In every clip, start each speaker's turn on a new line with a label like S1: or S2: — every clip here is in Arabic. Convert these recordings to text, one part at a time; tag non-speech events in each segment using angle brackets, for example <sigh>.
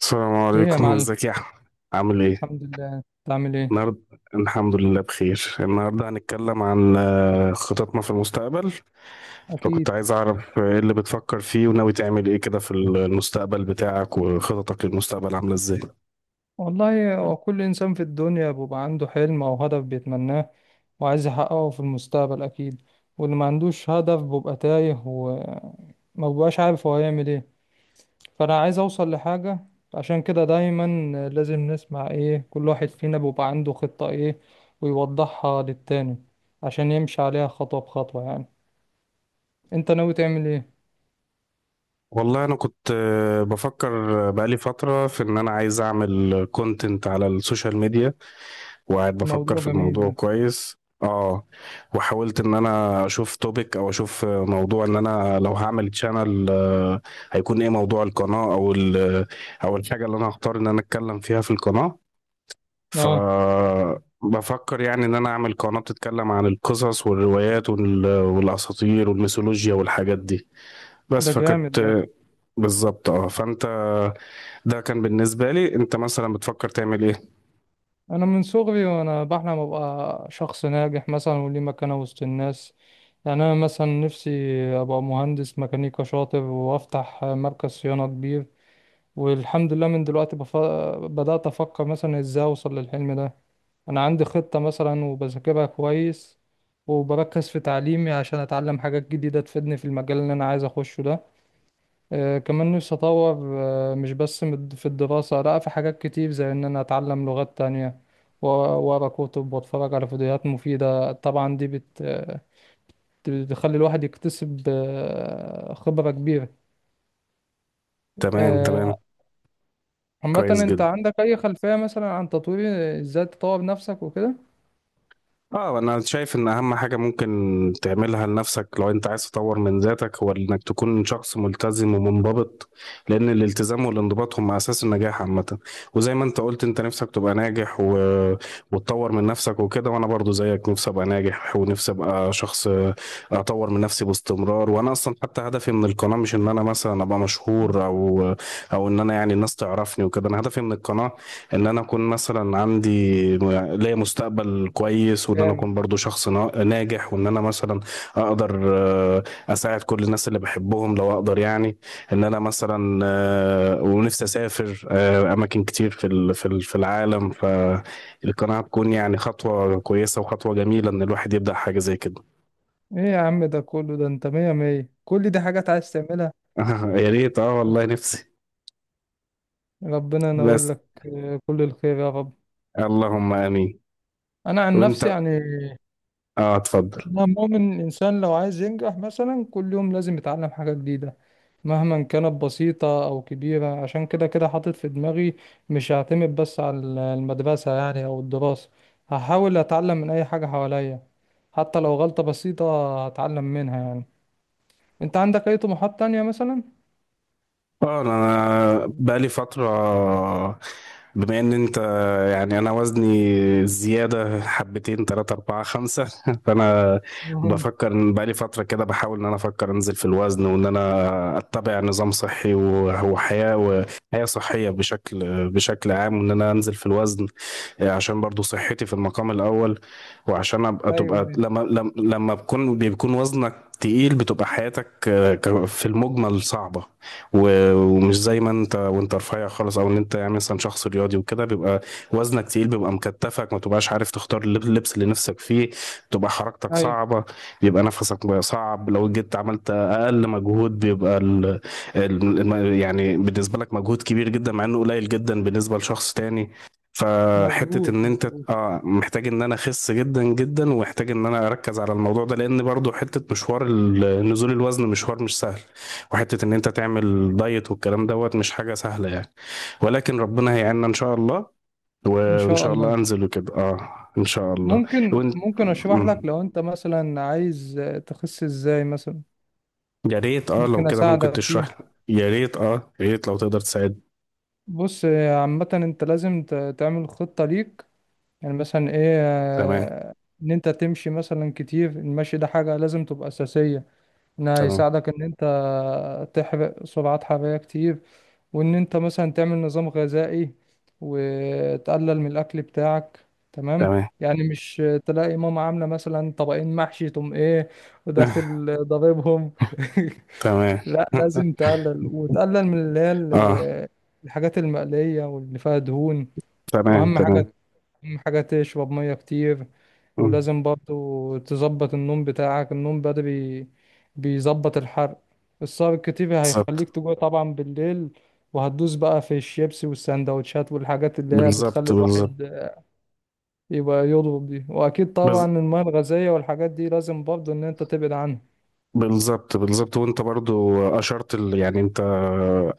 S1: السلام
S2: ايه يا
S1: عليكم <laughs>
S2: معلم.
S1: ازيك يا احمد؟ عامل ايه
S2: الحمد لله، تعمل ايه؟
S1: النهارده؟ الحمد لله بخير. النهارده هنتكلم عن خططنا في المستقبل.
S2: اكيد.
S1: فكنت عايز اعرف ايه اللي بتفكر فيه وناوي تعمل ايه كده في المستقبل بتاعك، وخططك للمستقبل عامله ازاي؟
S2: والله هو كل انسان في الدنيا بيبقى عنده حلم او هدف بيتمناه وعايز يحققه في المستقبل اكيد. واللي ما عندوش هدف بيبقى تايه وما بيبقاش عارف هو هيعمل ايه. فانا عايز اوصل لحاجة، عشان كده دايما لازم نسمع ايه كل واحد فينا بيبقى عنده خطة ايه ويوضحها للتاني عشان يمشي عليها خطوة بخطوة يعني. انت ناوي تعمل ايه؟
S1: والله انا كنت بفكر بقالي فترة في ان انا عايز اعمل كونتنت على السوشيال ميديا، وقاعد بفكر
S2: موضوع
S1: في
S2: جميل
S1: الموضوع
S2: ده.
S1: كويس. اه، وحاولت ان انا اشوف توبيك او اشوف موضوع ان انا لو هعمل تشانل هيكون ايه موضوع القناة، او او الحاجة اللي انا هختار ان انا اتكلم فيها في القناة. ف
S2: اه.
S1: بفكر يعني ان انا اعمل قناة بتتكلم عن القصص والروايات والاساطير والميثولوجيا والحاجات دي. بس
S2: ده جامد ده.
S1: بالظبط. اه، فانت، ده كان بالنسبة لي. انت مثلا بتفكر تعمل ايه؟
S2: انا من صغري وانا بحلم ابقى شخص ناجح مثلا وليه مكانة وسط الناس. يعني انا مثلا نفسي ابقى مهندس ميكانيكا شاطر وافتح مركز صيانة كبير. والحمد لله من دلوقتي بدأت افكر مثلا ازاي اوصل للحلم ده. انا عندي خطة مثلا وبذاكرها كويس وبركز في تعليمي عشان اتعلم حاجات جديدة تفيدني في المجال اللي انا عايز اخشه ده. كمان نفسي أطور، مش بس في الدراسة، لأ، في حاجات كتير زي إن أنا أتعلم لغات تانية وأقرأ كتب وأتفرج على فيديوهات مفيدة. طبعا دي بت آه، بتخلي الواحد يكتسب خبرة كبيرة.
S1: تمام، تمام.
S2: آه، عامة
S1: كويس
S2: أنت
S1: جدا.
S2: عندك أي خلفية مثلا عن تطوير إزاي تطور نفسك وكده؟
S1: اه، انا شايف ان اهم حاجة ممكن تعملها لنفسك لو انت عايز تطور من ذاتك هو انك تكون شخص ملتزم ومنضبط. لان الالتزام والانضباط هم اساس النجاح عامة. وزي ما انت قلت انت نفسك تبقى ناجح وتطور من نفسك وكده. وانا برضو زيك، نفسي ابقى ناجح ونفسي ابقى شخص اطور من نفسي باستمرار. وانا اصلا حتى هدفي من القناة مش ان انا مثلا ابقى مشهور، او ان انا يعني الناس تعرفني وكده. انا هدفي من القناة ان انا اكون مثلا عندي م- ليا مستقبل كويس، وان انا
S2: جامد
S1: اكون
S2: ده.
S1: برضو شخص ناجح، وان انا مثلا اقدر اساعد كل الناس اللي بحبهم لو اقدر يعني. ان انا مثلا، ونفسي اسافر اماكن كتير في العالم. فالقناعة تكون يعني خطوة كويسة وخطوة جميلة ان الواحد يبدأ حاجة زي كده.
S2: إيه يا عم ده كله؟ ده أنت مية مية، كل دي حاجات عايز تعملها.
S1: <laughs> يا ريت، اه والله نفسي.
S2: ربنا ينور
S1: بس.
S2: لك، كل الخير يا رب.
S1: اللهم امين.
S2: أنا عن
S1: وانت،
S2: نفسي يعني،
S1: اه، اتفضل.
S2: أنا مؤمن الإنسان لو عايز ينجح مثلا كل يوم لازم يتعلم حاجة جديدة مهما كانت بسيطة أو كبيرة. عشان كده كده حاطط في دماغي مش هعتمد بس على المدرسة يعني أو الدراسة، هحاول أتعلم من أي حاجة حواليا حتى لو غلطة بسيطة هتعلم منها يعني. أنت عندك أي طموحات تانية مثلا؟
S1: اه، انا
S2: <laughs>
S1: بقالي فترة، بما ان انت، يعني انا وزني زيادة حبتين تلاتة اربعة خمسة <laughs> فانا
S2: أها.
S1: بفكر ان بقالي فترة كده بحاول ان انا افكر انزل في الوزن، وان انا اتبع نظام صحي وحياة صحية بشكل عام، وان انا انزل في الوزن. عشان برضو صحتي في المقام الاول. وعشان ابقى
S2: أيوه
S1: تبقى
S2: أيوه.
S1: لما بيكون وزنك تقيل بتبقى حياتك في المجمل صعبة. ومش زي ما انت، وانت رفيع خالص او ان انت يعني مثلا شخص رياضي وكده، بيبقى وزنك تقيل، بيبقى مكتفك، ما تبقاش عارف تختار اللبس اللي نفسك فيه، بتبقى حركتك
S2: أيوه.
S1: صعبة، بيبقى نفسك بقى صعب. لو جيت عملت اقل مجهود بيبقى يعني بالنسبة لك مجهود كبير جدا، مع انه قليل جدا بالنسبة لشخص تاني. فحتة
S2: مظبوط
S1: ان انت
S2: مظبوط.
S1: اه محتاج ان انا اخس جدا جدا، ومحتاج ان انا اركز على الموضوع ده. لان برضو حتة مشوار نزول الوزن مشوار مش سهل. وحتة ان انت تعمل دايت والكلام دوت مش حاجة سهلة يعني. ولكن ربنا هيعيننا ان شاء الله،
S2: إن
S1: وان
S2: شاء
S1: شاء الله
S2: الله.
S1: انزل وكده، اه. ان شاء الله.
S2: ممكن
S1: وانت.
S2: ممكن أشرح لك
S1: مم.
S2: لو أنت مثلا عايز تخس إزاي مثلا،
S1: يا ريت، اه، لو
S2: ممكن
S1: كده ممكن
S2: أساعدك فيها.
S1: تشرح لي. يا ريت اه، يا ريت لو تقدر تساعد.
S2: بص، عامة انت لازم تعمل خطة ليك. يعني مثلا ايه،
S1: تمام.
S2: ان انت تمشي مثلا كتير، المشي ده حاجة لازم تبقى أساسية، انها
S1: تمام.
S2: يساعدك ان انت تحرق سعرات حرارية كتير. وان انت مثلا تعمل نظام غذائي وتقلل من الاكل بتاعك، تمام؟
S1: تمام.
S2: يعني مش تلاقي ماما عاملة مثلا طبقين محشي تقوم ايه
S1: <laughs>
S2: وداخل ضاربهم. <laughs>
S1: تمام.
S2: لا،
S1: <laughs>
S2: لازم تقلل وتقلل من اللي هي
S1: اه.
S2: الحاجات المقلية واللي فيها دهون.
S1: تمام.
S2: واهم
S1: تمام.
S2: حاجة، أهم حاجة تشرب مية كتير.
S1: مم.
S2: ولازم برضو تظبط النوم بتاعك، النوم بدري بيظبط الحرق. السهر الكتير
S1: بالظبط
S2: هيخليك تجوع طبعا بالليل وهتدوس بقى في الشيبسي والسندوتشات والحاجات اللي هي
S1: بالظبط.
S2: بتخلي
S1: بالظبط.
S2: الواحد يبقى يضرب دي. وأكيد طبعا
S1: بز-
S2: المياه الغازية والحاجات دي لازم برضو إن أنت تبعد عنها.
S1: بالظبط. بالظبط. وانت برضو اشرت يعني انت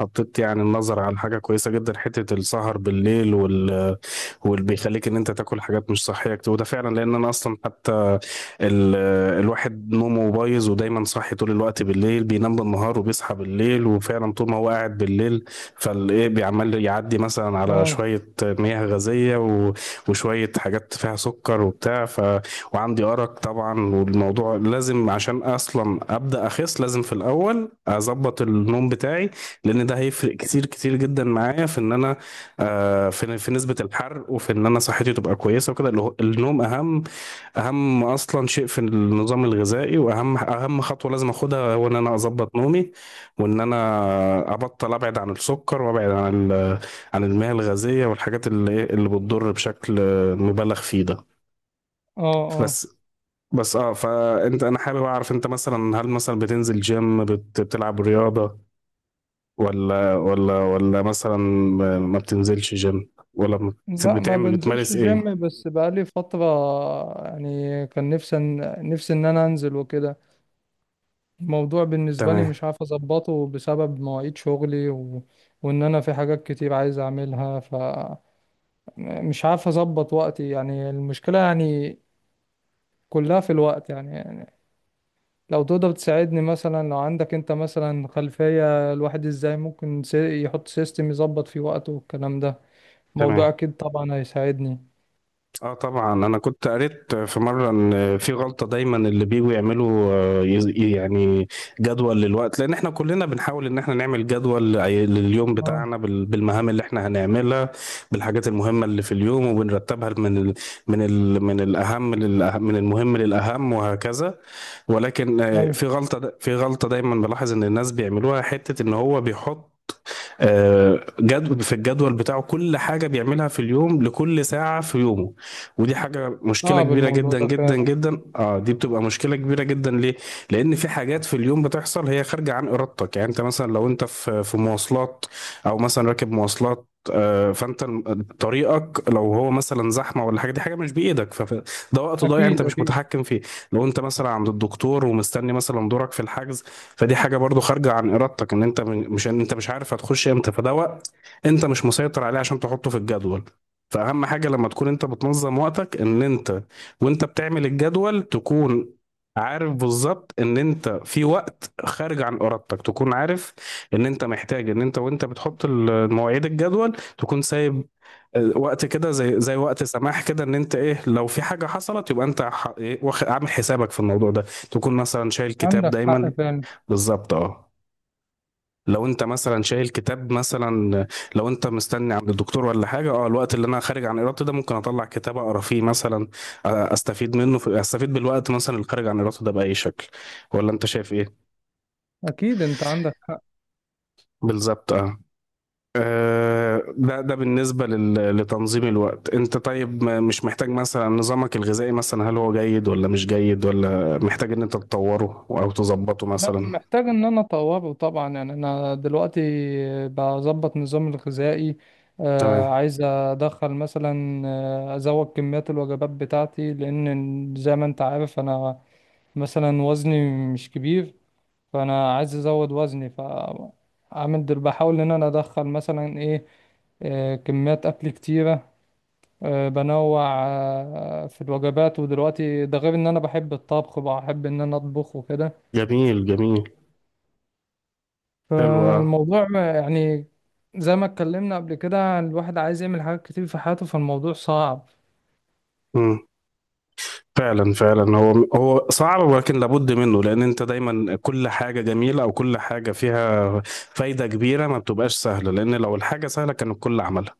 S1: حطيت يعني النظر على حاجه كويسه جدا، حته السهر بالليل واللي بيخليك ان انت تاكل حاجات مش صحيه كتير. وده فعلا، لان انا اصلا حتى ال... الواحد نومه بايظ ودايما صاحي طول الوقت بالليل، بينام بالنهار وبيصحى بالليل. وفعلا طول ما هو قاعد بالليل فالايه بيعمل، يعدي مثلا على
S2: اه
S1: شويه مياه غازيه وشويه حاجات فيها سكر وبتاع. وعندي أرق طبعا، والموضوع لازم، عشان أصلا أبدأ أخس لازم في الأول أظبط النوم بتاعي. لأن ده هيفرق كتير كتير جدا معايا في إن أنا في نسبة الحرق، وفي إن أنا صحتي تبقى كويسة وكده. اللي النوم أهم أصلا شيء في النظام الغذائي. وأهم خطوة لازم أخدها هو إن أنا أظبط نومي، وإن أنا أبطل أبعد عن السكر وأبعد عن عن المياه الغازية والحاجات، اللي بتضر بشكل مبالغ فيه ده.
S2: اه. اه.
S1: بس. بس اه، فانت انا حابب اعرف انت مثلا، هل مثلا بتنزل جيم، بتلعب رياضة، ولا مثلا ما بتنزلش جيم، ولا بت-
S2: لا، ما
S1: بتعمل
S2: بنزلش
S1: بتمارس ايه؟
S2: جيم. بس بقالي فترة يعني كان نفسي، نفسي إن أنا أنزل وكده. الموضوع بالنسبة لي
S1: تمام.
S2: مش عارف أظبطه بسبب مواعيد شغلي و... وإن أنا في حاجات كتير عايز أعملها، فمش عارف أظبط وقتي يعني. المشكلة يعني كلها في الوقت يعني, يعني لو تقدر تساعدني مثلا، لو عندك أنت مثلا خلفية الواحد إزاي ممكن يحط سيستم يظبط فيه وقته والكلام ده، الموضوع
S1: تمام.
S2: أكيد طبعا هيساعدني.
S1: اه طبعا، انا كنت قريت في مره ان في غلطه دايما اللي بيجوا يعملوا، يعني جدول للوقت. لان احنا كلنا بنحاول ان احنا نعمل جدول لليوم
S2: اه.
S1: بتاعنا بالمهام اللي احنا هنعملها، بالحاجات المهمه اللي في اليوم، وبنرتبها من ال من ال من الاهم للأه- من المهم للاهم، وهكذا. ولكن
S2: أيوة.
S1: في غلطه دايما بلاحظ ان الناس بيعملوها، حته ان هو بيحط جد في الجدول بتاعه كل حاجة بيعملها في اليوم، لكل ساعة في يومه. ودي حاجة، مشكلة
S2: صعب
S1: كبيرة
S2: الموضوع
S1: جدا
S2: ده
S1: جدا
S2: فعلا.
S1: جدا. اه، دي بتبقى مشكلة كبيرة جدا. ليه؟ لأن في حاجات في اليوم بتحصل هي خارجة عن إرادتك. يعني أنت مثلا لو أنت في مواصلات أو مثلا راكب مواصلات، فانت طريقك لو هو مثلا زحمه ولا حاجه، دي حاجه مش بايدك، فده وقت ضايع انت
S2: أكيد
S1: مش
S2: أكيد.
S1: متحكم فيه. لو انت مثلا عند الدكتور ومستني مثلا دورك في الحجز، فدي حاجه برضو خارجه عن ارادتك. ان انت مش، ان انت مش عارف هتخش امتى، فده وقت انت مش مسيطر عليه عشان تحطه في الجدول. فاهم حاجه، لما تكون انت بتنظم وقتك، ان انت وانت بتعمل الجدول تكون عارف بالظبط ان انت في وقت خارج عن ارادتك. تكون عارف ان انت محتاج ان انت وانت بتحط المواعيد الجدول تكون سايب وقت كده، زي وقت سماح كده، ان انت ايه لو في حاجه حصلت يبقى انت عامل حسابك في الموضوع ده. تكون مثلا شايل كتاب
S2: عندك حق
S1: دايما.
S2: فعلا.
S1: بالظبط، اه. لو انت مثلا شايل كتاب مثلا، لو انت مستني عند الدكتور ولا حاجه، اه، الوقت اللي انا خارج عن ارادتي ده، ممكن اطلع كتاب اقرا فيه مثلا. استفيد منه، في استفيد بالوقت مثلا اللي خارج عن ارادته ده باي شكل. ولا انت شايف ايه؟
S2: أكيد أنت عندك حق.
S1: بالظبط، اه. ده بالنسبه لتنظيم الوقت. انت طيب مش محتاج مثلا، نظامك الغذائي مثلا هل هو جيد ولا مش جيد، ولا محتاج ان انت تطوره او تظبطه
S2: لا،
S1: مثلا؟
S2: محتاج ان انا اطوره طبعا. يعني انا دلوقتي بظبط نظامي الغذائي،
S1: تمام.
S2: عايز ادخل مثلا، ازود كميات الوجبات بتاعتي لان زي ما انت عارف انا مثلا وزني مش كبير، فانا عايز ازود وزني. فعامل دل بحاول ان انا ادخل مثلا ايه، كميات اكل كتيره، بنوع في الوجبات. ودلوقتي ده غير ان انا بحب الطبخ، بحب ان انا اطبخ وكده.
S1: جميل، جميل. حلو.
S2: فالموضوع يعني زي ما اتكلمنا قبل كده الواحد عايز يعمل حاجات كتير في حياته، فالموضوع صعب.
S1: اه، فعلا فعلا، هو صعب، ولكن لابد منه. لان انت دايما كل حاجه جميله، او كل حاجه فيها فايده كبيره، ما بتبقاش سهله. لان لو الحاجه سهله كان الكل عملها.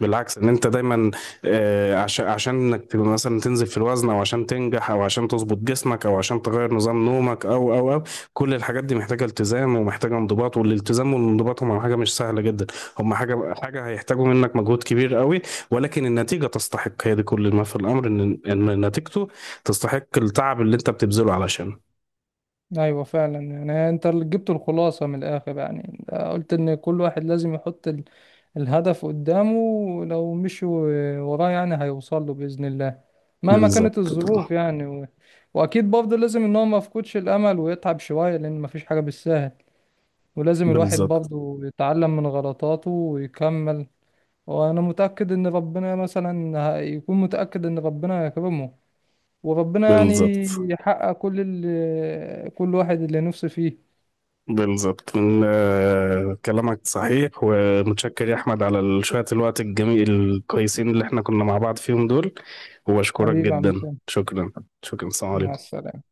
S1: بالعكس، ان انت دايما، عشان انك تبقى مثلا تنزل في الوزن، او عشان تنجح، او عشان تظبط جسمك، او عشان تغير نظام نومك، او، كل الحاجات دي محتاجه التزام ومحتاجه انضباط. والالتزام والانضباط هم حاجه مش سهله جدا. هم حاجه، هيحتاجوا منك مجهود كبير قوي. ولكن النتيجه تستحق. هي دي كل ما في الامر، ان نتيجته تستحق التعب اللي انت بتبذله علشان.
S2: ايوه فعلا، يعني انت اللي جبت الخلاصة من الاخر يعني، قلت ان كل واحد لازم يحط الهدف قدامه، لو مشي وراه يعني هيوصل له بإذن الله مهما كانت
S1: بالظبط.
S2: الظروف يعني و... واكيد برضه لازم ان هو ما يفقدش الامل ويتعب شوية لان مفيش حاجة بالسهل، ولازم الواحد
S1: بالظبط.
S2: برضه يتعلم من غلطاته ويكمل. وانا متاكد ان ربنا مثلا يكون، متاكد ان ربنا يكرمه وربنا يعني
S1: بالظبط.
S2: يحقق كل ال... كل واحد اللي نفسه فيه.
S1: بالظبط. من كلامك صحيح. ومتشكر يا احمد على شوية الوقت الجميل الكويسين اللي احنا كنا مع بعض فيهم دول. وبشكرك
S2: حبيبي يا عم
S1: جدا.
S2: سام.
S1: شكرا. شكرا. السلام
S2: مع
S1: عليكم.
S2: السلامه.